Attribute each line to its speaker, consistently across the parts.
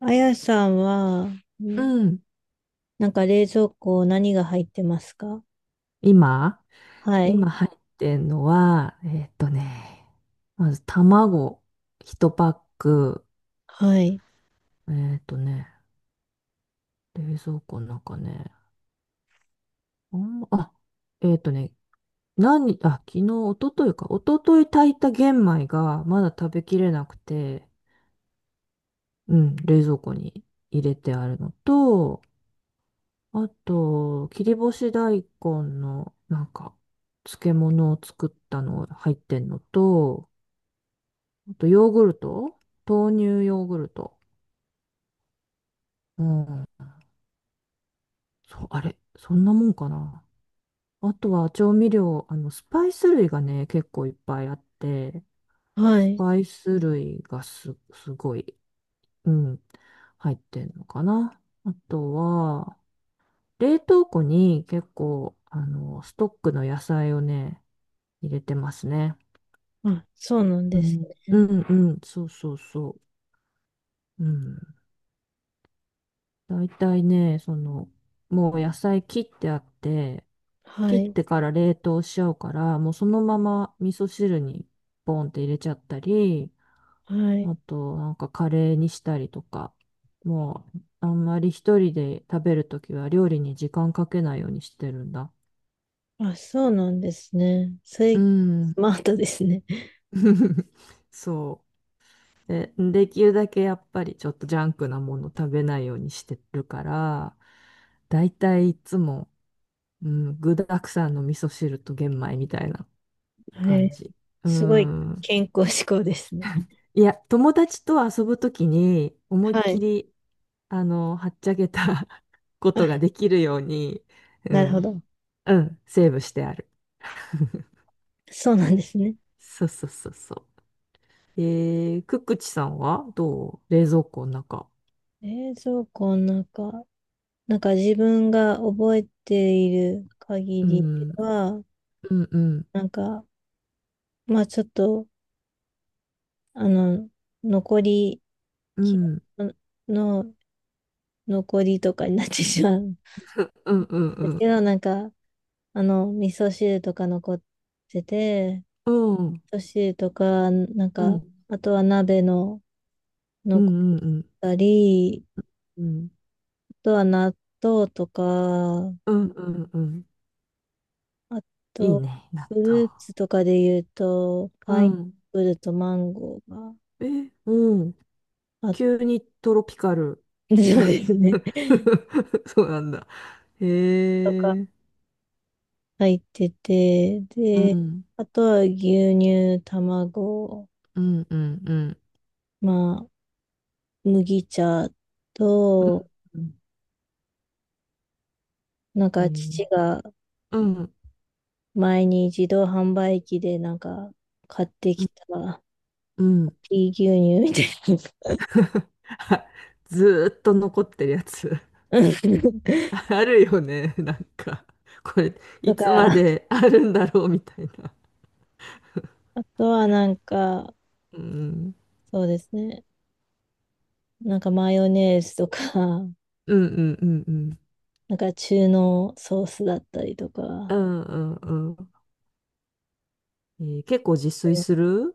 Speaker 1: あやさんは、
Speaker 2: う
Speaker 1: ん
Speaker 2: ん。
Speaker 1: なんか冷蔵庫何が入ってますか？
Speaker 2: 今、
Speaker 1: はい。
Speaker 2: 今入ってんのは、まず卵一パック、
Speaker 1: はい。
Speaker 2: えっとね、冷蔵庫の中ね、あんま、あ、えっとね、昨日、一昨日か、一昨日炊いた玄米がまだ食べきれなくて、うん、冷蔵庫に入れてあるのと、あと、切り干し大根の、なんか、漬物を作ったの入ってんのと、あとヨーグルト豆乳ヨーグルト。うん。そう、あれ、そんなもんかな。あとは調味料、スパイス類がね、結構いっぱいあって、
Speaker 1: は
Speaker 2: ス
Speaker 1: い。
Speaker 2: パイス類がす、すごい、うん、入ってんのかな。あとは、冷凍庫に結構、ストックの野菜をね、入れてますね。
Speaker 1: あ、そうなん
Speaker 2: う
Speaker 1: です
Speaker 2: ん、う
Speaker 1: ね。
Speaker 2: ん、うん、そうそうそう。うん。大体ね、その、もう野菜切ってあって、
Speaker 1: は
Speaker 2: 切っ
Speaker 1: い。
Speaker 2: てから冷凍しちゃうから、もうそのまま味噌汁にポンって入れちゃったり、
Speaker 1: はい。
Speaker 2: あとなんかカレーにしたりとか、もうあんまり一人で食べるときは料理に時間かけないようにしてるんだ。
Speaker 1: あ、そうなんですね。それ、
Speaker 2: う
Speaker 1: ス
Speaker 2: ん。
Speaker 1: マートですね。
Speaker 2: そう。で、できるだけやっぱりちょっとジャンクなもの食べないようにしてるから、だいたいいつもうん、具沢山の味噌汁と玄米みたいな
Speaker 1: は
Speaker 2: 感
Speaker 1: い。
Speaker 2: じ。う
Speaker 1: すごい
Speaker 2: ん。
Speaker 1: 健康志向ですね。
Speaker 2: いや、友達と遊ぶときに思いっ
Speaker 1: は
Speaker 2: き
Speaker 1: い。
Speaker 2: り、はっちゃけた こと
Speaker 1: あ、
Speaker 2: ができるように、う
Speaker 1: なるほ
Speaker 2: ん、
Speaker 1: ど。
Speaker 2: うん、セーブしてある。
Speaker 1: そうなんですね。
Speaker 2: そうそうそうそう。くっくちさんはどう冷蔵庫の中。
Speaker 1: 冷蔵庫の中、なんか自分が覚えている限
Speaker 2: う
Speaker 1: りで
Speaker 2: ん、う
Speaker 1: は、
Speaker 2: ん、うん、
Speaker 1: なんか、まあちょっと、あの、残り
Speaker 2: う
Speaker 1: 気
Speaker 2: ん、
Speaker 1: の残りとかになってしまうん
Speaker 2: うん、うん、う
Speaker 1: です
Speaker 2: ん、
Speaker 1: けど、なんか、あの、味噌汁とか残ってて、
Speaker 2: うん、
Speaker 1: 味噌汁とか、なん
Speaker 2: うん、う
Speaker 1: か、
Speaker 2: ん、
Speaker 1: あとは鍋の
Speaker 2: う
Speaker 1: 残っ
Speaker 2: ん、うん、
Speaker 1: たり、
Speaker 2: うん、
Speaker 1: あとは納豆とか、
Speaker 2: うん、うん、
Speaker 1: あ
Speaker 2: いい
Speaker 1: と、
Speaker 2: ね、納
Speaker 1: フル
Speaker 2: 豆。
Speaker 1: ーツとかで言うと、
Speaker 2: う
Speaker 1: パイナッ
Speaker 2: ん。
Speaker 1: プルとマンゴーが
Speaker 2: え、うん。
Speaker 1: あっ
Speaker 2: 急にトロピカル。
Speaker 1: てですね。
Speaker 2: そうなんだ。
Speaker 1: とか
Speaker 2: へえ。
Speaker 1: 入ってて、
Speaker 2: う
Speaker 1: で、
Speaker 2: ん。
Speaker 1: あとは牛乳、卵、
Speaker 2: うん、うん、うん。
Speaker 1: まあ、麦茶
Speaker 2: う
Speaker 1: と、
Speaker 2: ん、うん。
Speaker 1: なん
Speaker 2: う
Speaker 1: か父
Speaker 2: ん、
Speaker 1: が
Speaker 2: うん。
Speaker 1: 前に自動販売機でなんか買って
Speaker 2: う
Speaker 1: き
Speaker 2: ん
Speaker 1: た
Speaker 2: うん、
Speaker 1: ピー牛乳みたい
Speaker 2: あずーっと残ってるやつ。
Speaker 1: なうん
Speaker 2: あるよね。なんか、これ、い
Speaker 1: とか、
Speaker 2: つまであるんだろうみたいな。
Speaker 1: あとはなんか、
Speaker 2: うん。
Speaker 1: そうですね。なんかマヨネーズとか、
Speaker 2: うん、うん、うん、うん。
Speaker 1: なんか中濃ソースだったりと
Speaker 2: う
Speaker 1: か、
Speaker 2: ん、うん、うん。えー結構自炊する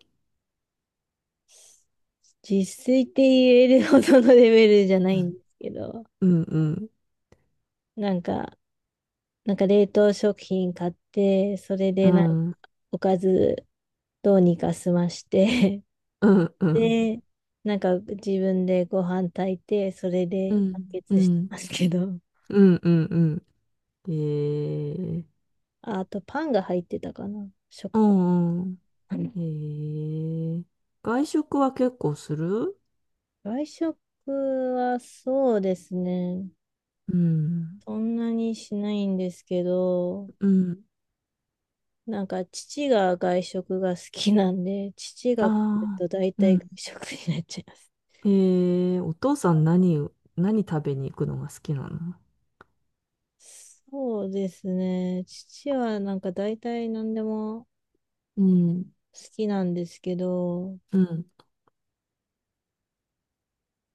Speaker 1: 実炊って言えるほどのレベルじゃな
Speaker 2: う
Speaker 1: いんで
Speaker 2: ん、
Speaker 1: すけど、
Speaker 2: うん、うん。
Speaker 1: なんかなんか冷凍食品買って、それ
Speaker 2: う
Speaker 1: でなんか
Speaker 2: ん、
Speaker 1: おかずどうにか済まして
Speaker 2: うん、う ん。
Speaker 1: で、なんか自分でご飯炊いて、それ
Speaker 2: う
Speaker 1: で完
Speaker 2: ん、う
Speaker 1: 結してま
Speaker 2: ん。
Speaker 1: すけど。
Speaker 2: うんうんうん。ええ、
Speaker 1: あ、あとパンが入ってたかな。
Speaker 2: う
Speaker 1: 食
Speaker 2: んうん。
Speaker 1: パン。
Speaker 2: ええ、外食は結構する
Speaker 1: 外食はそうですね。
Speaker 2: うん。
Speaker 1: そんなにしないんですけど、
Speaker 2: うん。
Speaker 1: なんか父が外食が好きなんで、父
Speaker 2: あ
Speaker 1: が来る
Speaker 2: あ、
Speaker 1: と大
Speaker 2: う
Speaker 1: 体外
Speaker 2: ん。
Speaker 1: 食になっちゃいます。
Speaker 2: ええ、お父さん何、何食べに行くのが好きなの？
Speaker 1: そうですね。父はなんか大体何でも
Speaker 2: うん。
Speaker 1: 好きなんですけど、
Speaker 2: うん。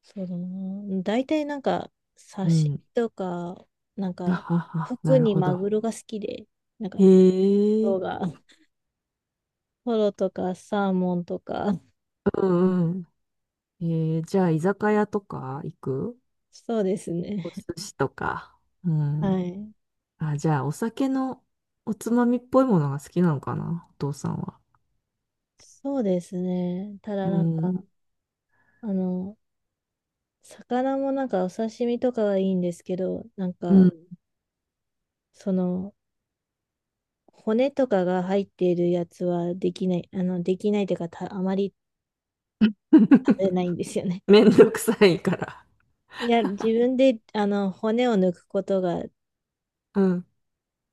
Speaker 1: そうだな。大体なんか刺
Speaker 2: う
Speaker 1: 身
Speaker 2: ん。
Speaker 1: とか、なん
Speaker 2: あ
Speaker 1: か
Speaker 2: はは、
Speaker 1: 特
Speaker 2: なる
Speaker 1: に
Speaker 2: ほ
Speaker 1: マ
Speaker 2: ど。
Speaker 1: グロが好きで、なんか
Speaker 2: へ
Speaker 1: トロ
Speaker 2: え、
Speaker 1: が、トロとかサーモンとか、
Speaker 2: うんうん。ええ、じゃあ居酒屋とか行く、
Speaker 1: そうですね。
Speaker 2: お寿司とか。う
Speaker 1: は
Speaker 2: ん。
Speaker 1: い。
Speaker 2: あ、じゃあ、お酒のおつまみっぽいものが好きなのかな、お父さんは。
Speaker 1: そうですね。ただ
Speaker 2: う
Speaker 1: なんか、
Speaker 2: ん。
Speaker 1: あの、魚もなんかお刺身とかはいいんですけど、なん
Speaker 2: う
Speaker 1: か、
Speaker 2: ん。
Speaker 1: その、骨とかが入っているやつはできない、あの、できないというか、あまり食べないんですよね。
Speaker 2: めん どくさいから。
Speaker 1: いや、自分で、あの、骨を抜くことが
Speaker 2: うん。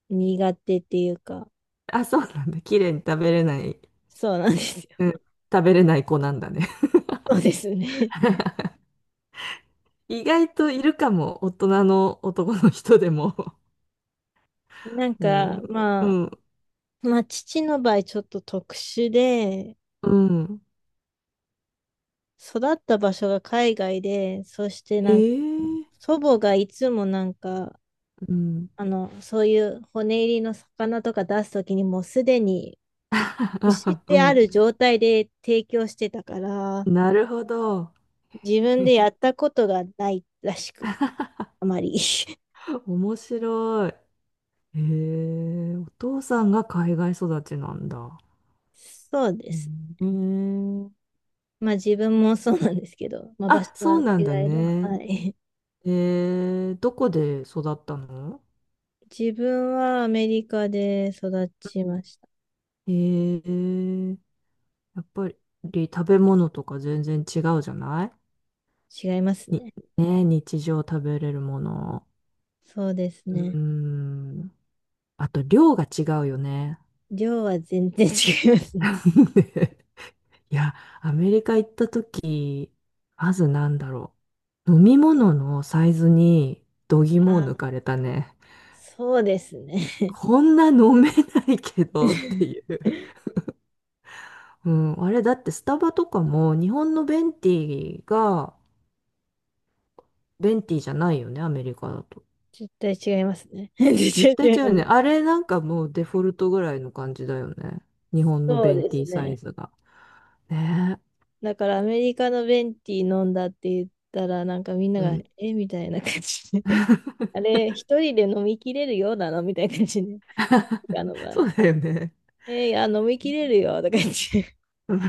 Speaker 1: 苦手っていうか、
Speaker 2: あ、そうなんだ。綺麗に食べれない。
Speaker 1: そうなんですよ。
Speaker 2: う ん。食べれない子なんだね。
Speaker 1: そうですね。
Speaker 2: 意外といるかも。大人の男の人でも。
Speaker 1: なん
Speaker 2: う
Speaker 1: か、
Speaker 2: ん。う
Speaker 1: まあ、
Speaker 2: ん。
Speaker 1: まあ、父の場合、ちょっと特殊で、
Speaker 2: うん。
Speaker 1: 育った場所が海外で、そして
Speaker 2: へ
Speaker 1: なんか、
Speaker 2: え。
Speaker 1: 祖母がいつもなんか、
Speaker 2: うん。
Speaker 1: あの、そういう骨入りの魚とか出すときにもうすでに し
Speaker 2: あ、う
Speaker 1: てあ
Speaker 2: ん。
Speaker 1: る状態で提供してたから、
Speaker 2: なるほど。
Speaker 1: 自分で やったことがないらしく、あまり。
Speaker 2: 面白い。へえ。お父さんが海外育ちなんだ。
Speaker 1: そうです。
Speaker 2: うん。え、
Speaker 1: まあ自分もそうなんですけど、まあ場
Speaker 2: あ、
Speaker 1: 所
Speaker 2: そ
Speaker 1: は
Speaker 2: う
Speaker 1: 違
Speaker 2: なんだ
Speaker 1: えど、は
Speaker 2: ね。
Speaker 1: い。
Speaker 2: どこで育ったの？
Speaker 1: 自分はアメリカで育ち
Speaker 2: う
Speaker 1: ま
Speaker 2: ん、
Speaker 1: した。
Speaker 2: えー、やっぱり食べ物とか全然違うじゃない、
Speaker 1: 違います
Speaker 2: に、
Speaker 1: ね。
Speaker 2: ね、日常食べれるもの。
Speaker 1: そうです
Speaker 2: う
Speaker 1: ね。
Speaker 2: ーん。あと量が違うよね。
Speaker 1: 量は全然違いますね。
Speaker 2: いや、アメリカ行った時、まずなんだろう。飲み物のサイズに度肝を抜
Speaker 1: あ、
Speaker 2: かれたね。
Speaker 1: そうですね。
Speaker 2: こんな飲めないけどっていう。うん、あれだってスタバとかも日本のベンティが、ベンティじゃないよね、アメリカだと。
Speaker 1: 絶対違いますね。
Speaker 2: 絶
Speaker 1: 絶
Speaker 2: 対
Speaker 1: 対違い
Speaker 2: 違
Speaker 1: ま
Speaker 2: うよね。
Speaker 1: す。
Speaker 2: あれなんかもうデフォルトぐらいの感じだよね。日本の
Speaker 1: そう
Speaker 2: ベン
Speaker 1: で
Speaker 2: テ
Speaker 1: す
Speaker 2: ィサイ
Speaker 1: ね。
Speaker 2: ズが。ね
Speaker 1: だからアメリカのベンティー飲んだって言ったら、なんかみんな
Speaker 2: え。う
Speaker 1: が、
Speaker 2: ん。
Speaker 1: えみたいな感じで。あれ、一人で飲みきれるようなのみたいな感じで。あの場合。
Speaker 2: そうだよね。
Speaker 1: いや、飲みきれるよとか言って。好
Speaker 2: う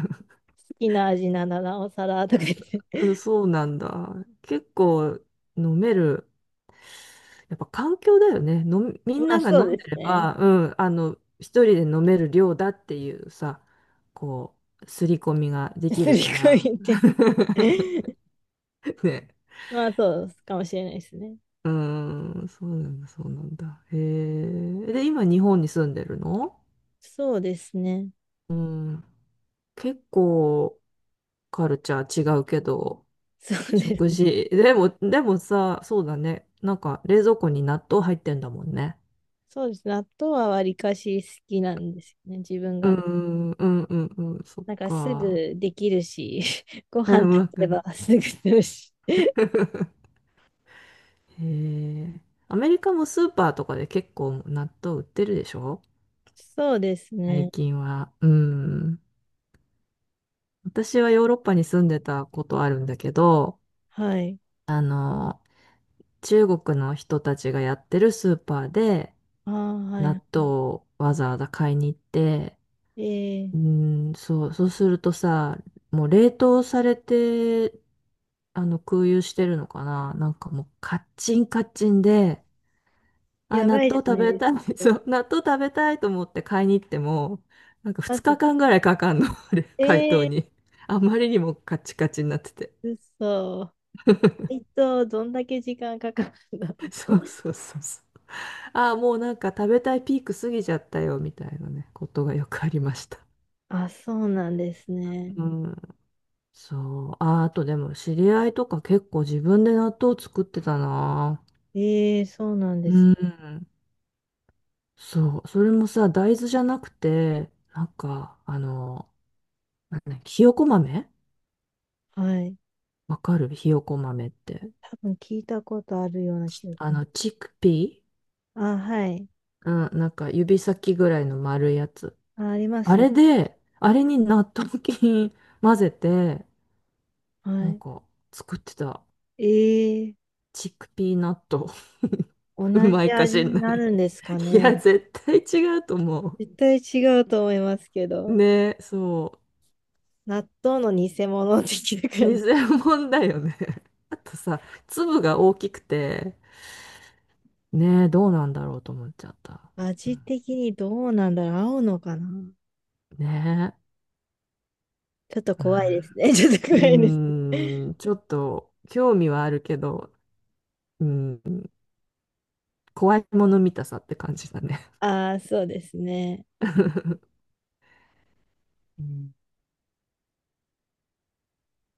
Speaker 1: きな味ならなおさらとか言っ
Speaker 2: ん、
Speaker 1: て。
Speaker 2: そうなんだ。結構飲める。やっぱ環境だよね。みん
Speaker 1: まあ
Speaker 2: なが
Speaker 1: そう
Speaker 2: 飲ん
Speaker 1: です
Speaker 2: でれ
Speaker 1: ね。
Speaker 2: ば、うん、一人で飲める量だっていうさ、こう、刷り込みができ
Speaker 1: す
Speaker 2: る
Speaker 1: り
Speaker 2: から。
Speaker 1: 込みて。
Speaker 2: ね。
Speaker 1: まあそうかもしれないですね。
Speaker 2: うーん、そうなんだ、そうなんだ。へえ。で、今日本に住んでるの？
Speaker 1: そうですね。
Speaker 2: うん。結構カルチャー違うけど、
Speaker 1: そうです
Speaker 2: 食
Speaker 1: ね。
Speaker 2: 事。でも、でもさ、そうだね。なんか冷蔵庫に納豆入ってんだもんね。
Speaker 1: そうですね。納豆はわりかし好きなんですよね。自分
Speaker 2: うー
Speaker 1: が。
Speaker 2: ん、うん、うん、うん、そっ
Speaker 1: なんかす
Speaker 2: か。
Speaker 1: ぐできるし、ご
Speaker 2: う
Speaker 1: 飯
Speaker 2: ん、
Speaker 1: 炊
Speaker 2: わか
Speaker 1: けば
Speaker 2: る。
Speaker 1: すぐするし。
Speaker 2: へえ。アメリカもスーパーとかで結構納豆売ってるでしょ、
Speaker 1: そうです
Speaker 2: 最
Speaker 1: ね。
Speaker 2: 近は。うん。私はヨーロッパに住んでたことあるんだけど、
Speaker 1: はい。
Speaker 2: 中国の人たちがやってるスーパーで
Speaker 1: ああ、は
Speaker 2: 納
Speaker 1: いは
Speaker 2: 豆をわざわざ買いに行って、
Speaker 1: い。ええ、
Speaker 2: うーん、そう、そうするとさ、もう冷凍されて、空輸してるのかな、なんかもうカッチンカッチンで、あ、
Speaker 1: や
Speaker 2: 納
Speaker 1: ば
Speaker 2: 豆
Speaker 1: いじゃ
Speaker 2: 食
Speaker 1: ない
Speaker 2: べ
Speaker 1: です
Speaker 2: たい、そ
Speaker 1: か。
Speaker 2: う、納豆食べたいと思って買いに行っても、なんか
Speaker 1: ま
Speaker 2: 2
Speaker 1: ず、
Speaker 2: 日間ぐらいかかんの、あれ、解凍
Speaker 1: ええ
Speaker 2: に。あまりにもカチカチになってて。
Speaker 1: ー、嘘。配当どんだけ時間かかるんだろう。
Speaker 2: そうそうそうそう。ああ、もうなんか食べたいピーク過ぎちゃったよ、みたいなね、ことがよくありました。
Speaker 1: あ、そうなんですね。
Speaker 2: うん。そう。あ、あとでも知り合いとか結構自分で納豆作ってたな。
Speaker 1: ええ、そうなん
Speaker 2: う
Speaker 1: です。
Speaker 2: ん。そう。それもさ、大豆じゃなくて、なんか、なんだっけひよこ豆、
Speaker 1: はい。
Speaker 2: わかるひよこ豆って。
Speaker 1: 多分聞いたことあるような気がします。
Speaker 2: チックピー
Speaker 1: あ、はい。
Speaker 2: うん、なんか指先ぐらいの丸いやつ。
Speaker 1: あ、ありま
Speaker 2: あ
Speaker 1: すね。
Speaker 2: れで、あれに納豆菌混ぜて、
Speaker 1: は
Speaker 2: なん
Speaker 1: い。
Speaker 2: か作ってた。
Speaker 1: ええ、
Speaker 2: チックピーナット。
Speaker 1: 同
Speaker 2: うま
Speaker 1: じ
Speaker 2: いか
Speaker 1: 味
Speaker 2: しん
Speaker 1: に
Speaker 2: ない。
Speaker 1: なるんですか
Speaker 2: い
Speaker 1: ね。
Speaker 2: や、絶対違うと思
Speaker 1: 絶対違うと思いますけ
Speaker 2: う。
Speaker 1: ど、
Speaker 2: ね、そ
Speaker 1: 納豆の偽物的な
Speaker 2: う。
Speaker 1: 感じ。
Speaker 2: 偽物だよね。あとさ、粒が大きくて、ね、どうなんだろうと思っちゃった。うん
Speaker 1: 味的にどうなんだろう、合うのかな？
Speaker 2: ね、
Speaker 1: ちょっと
Speaker 2: う
Speaker 1: 怖いです
Speaker 2: ん。
Speaker 1: ね。ちょっと
Speaker 2: う
Speaker 1: 怖いですね。
Speaker 2: ーん、ちょっと興味はあるけど、うん、怖いもの見たさって感じだね。
Speaker 1: ああ、そうですね。
Speaker 2: うん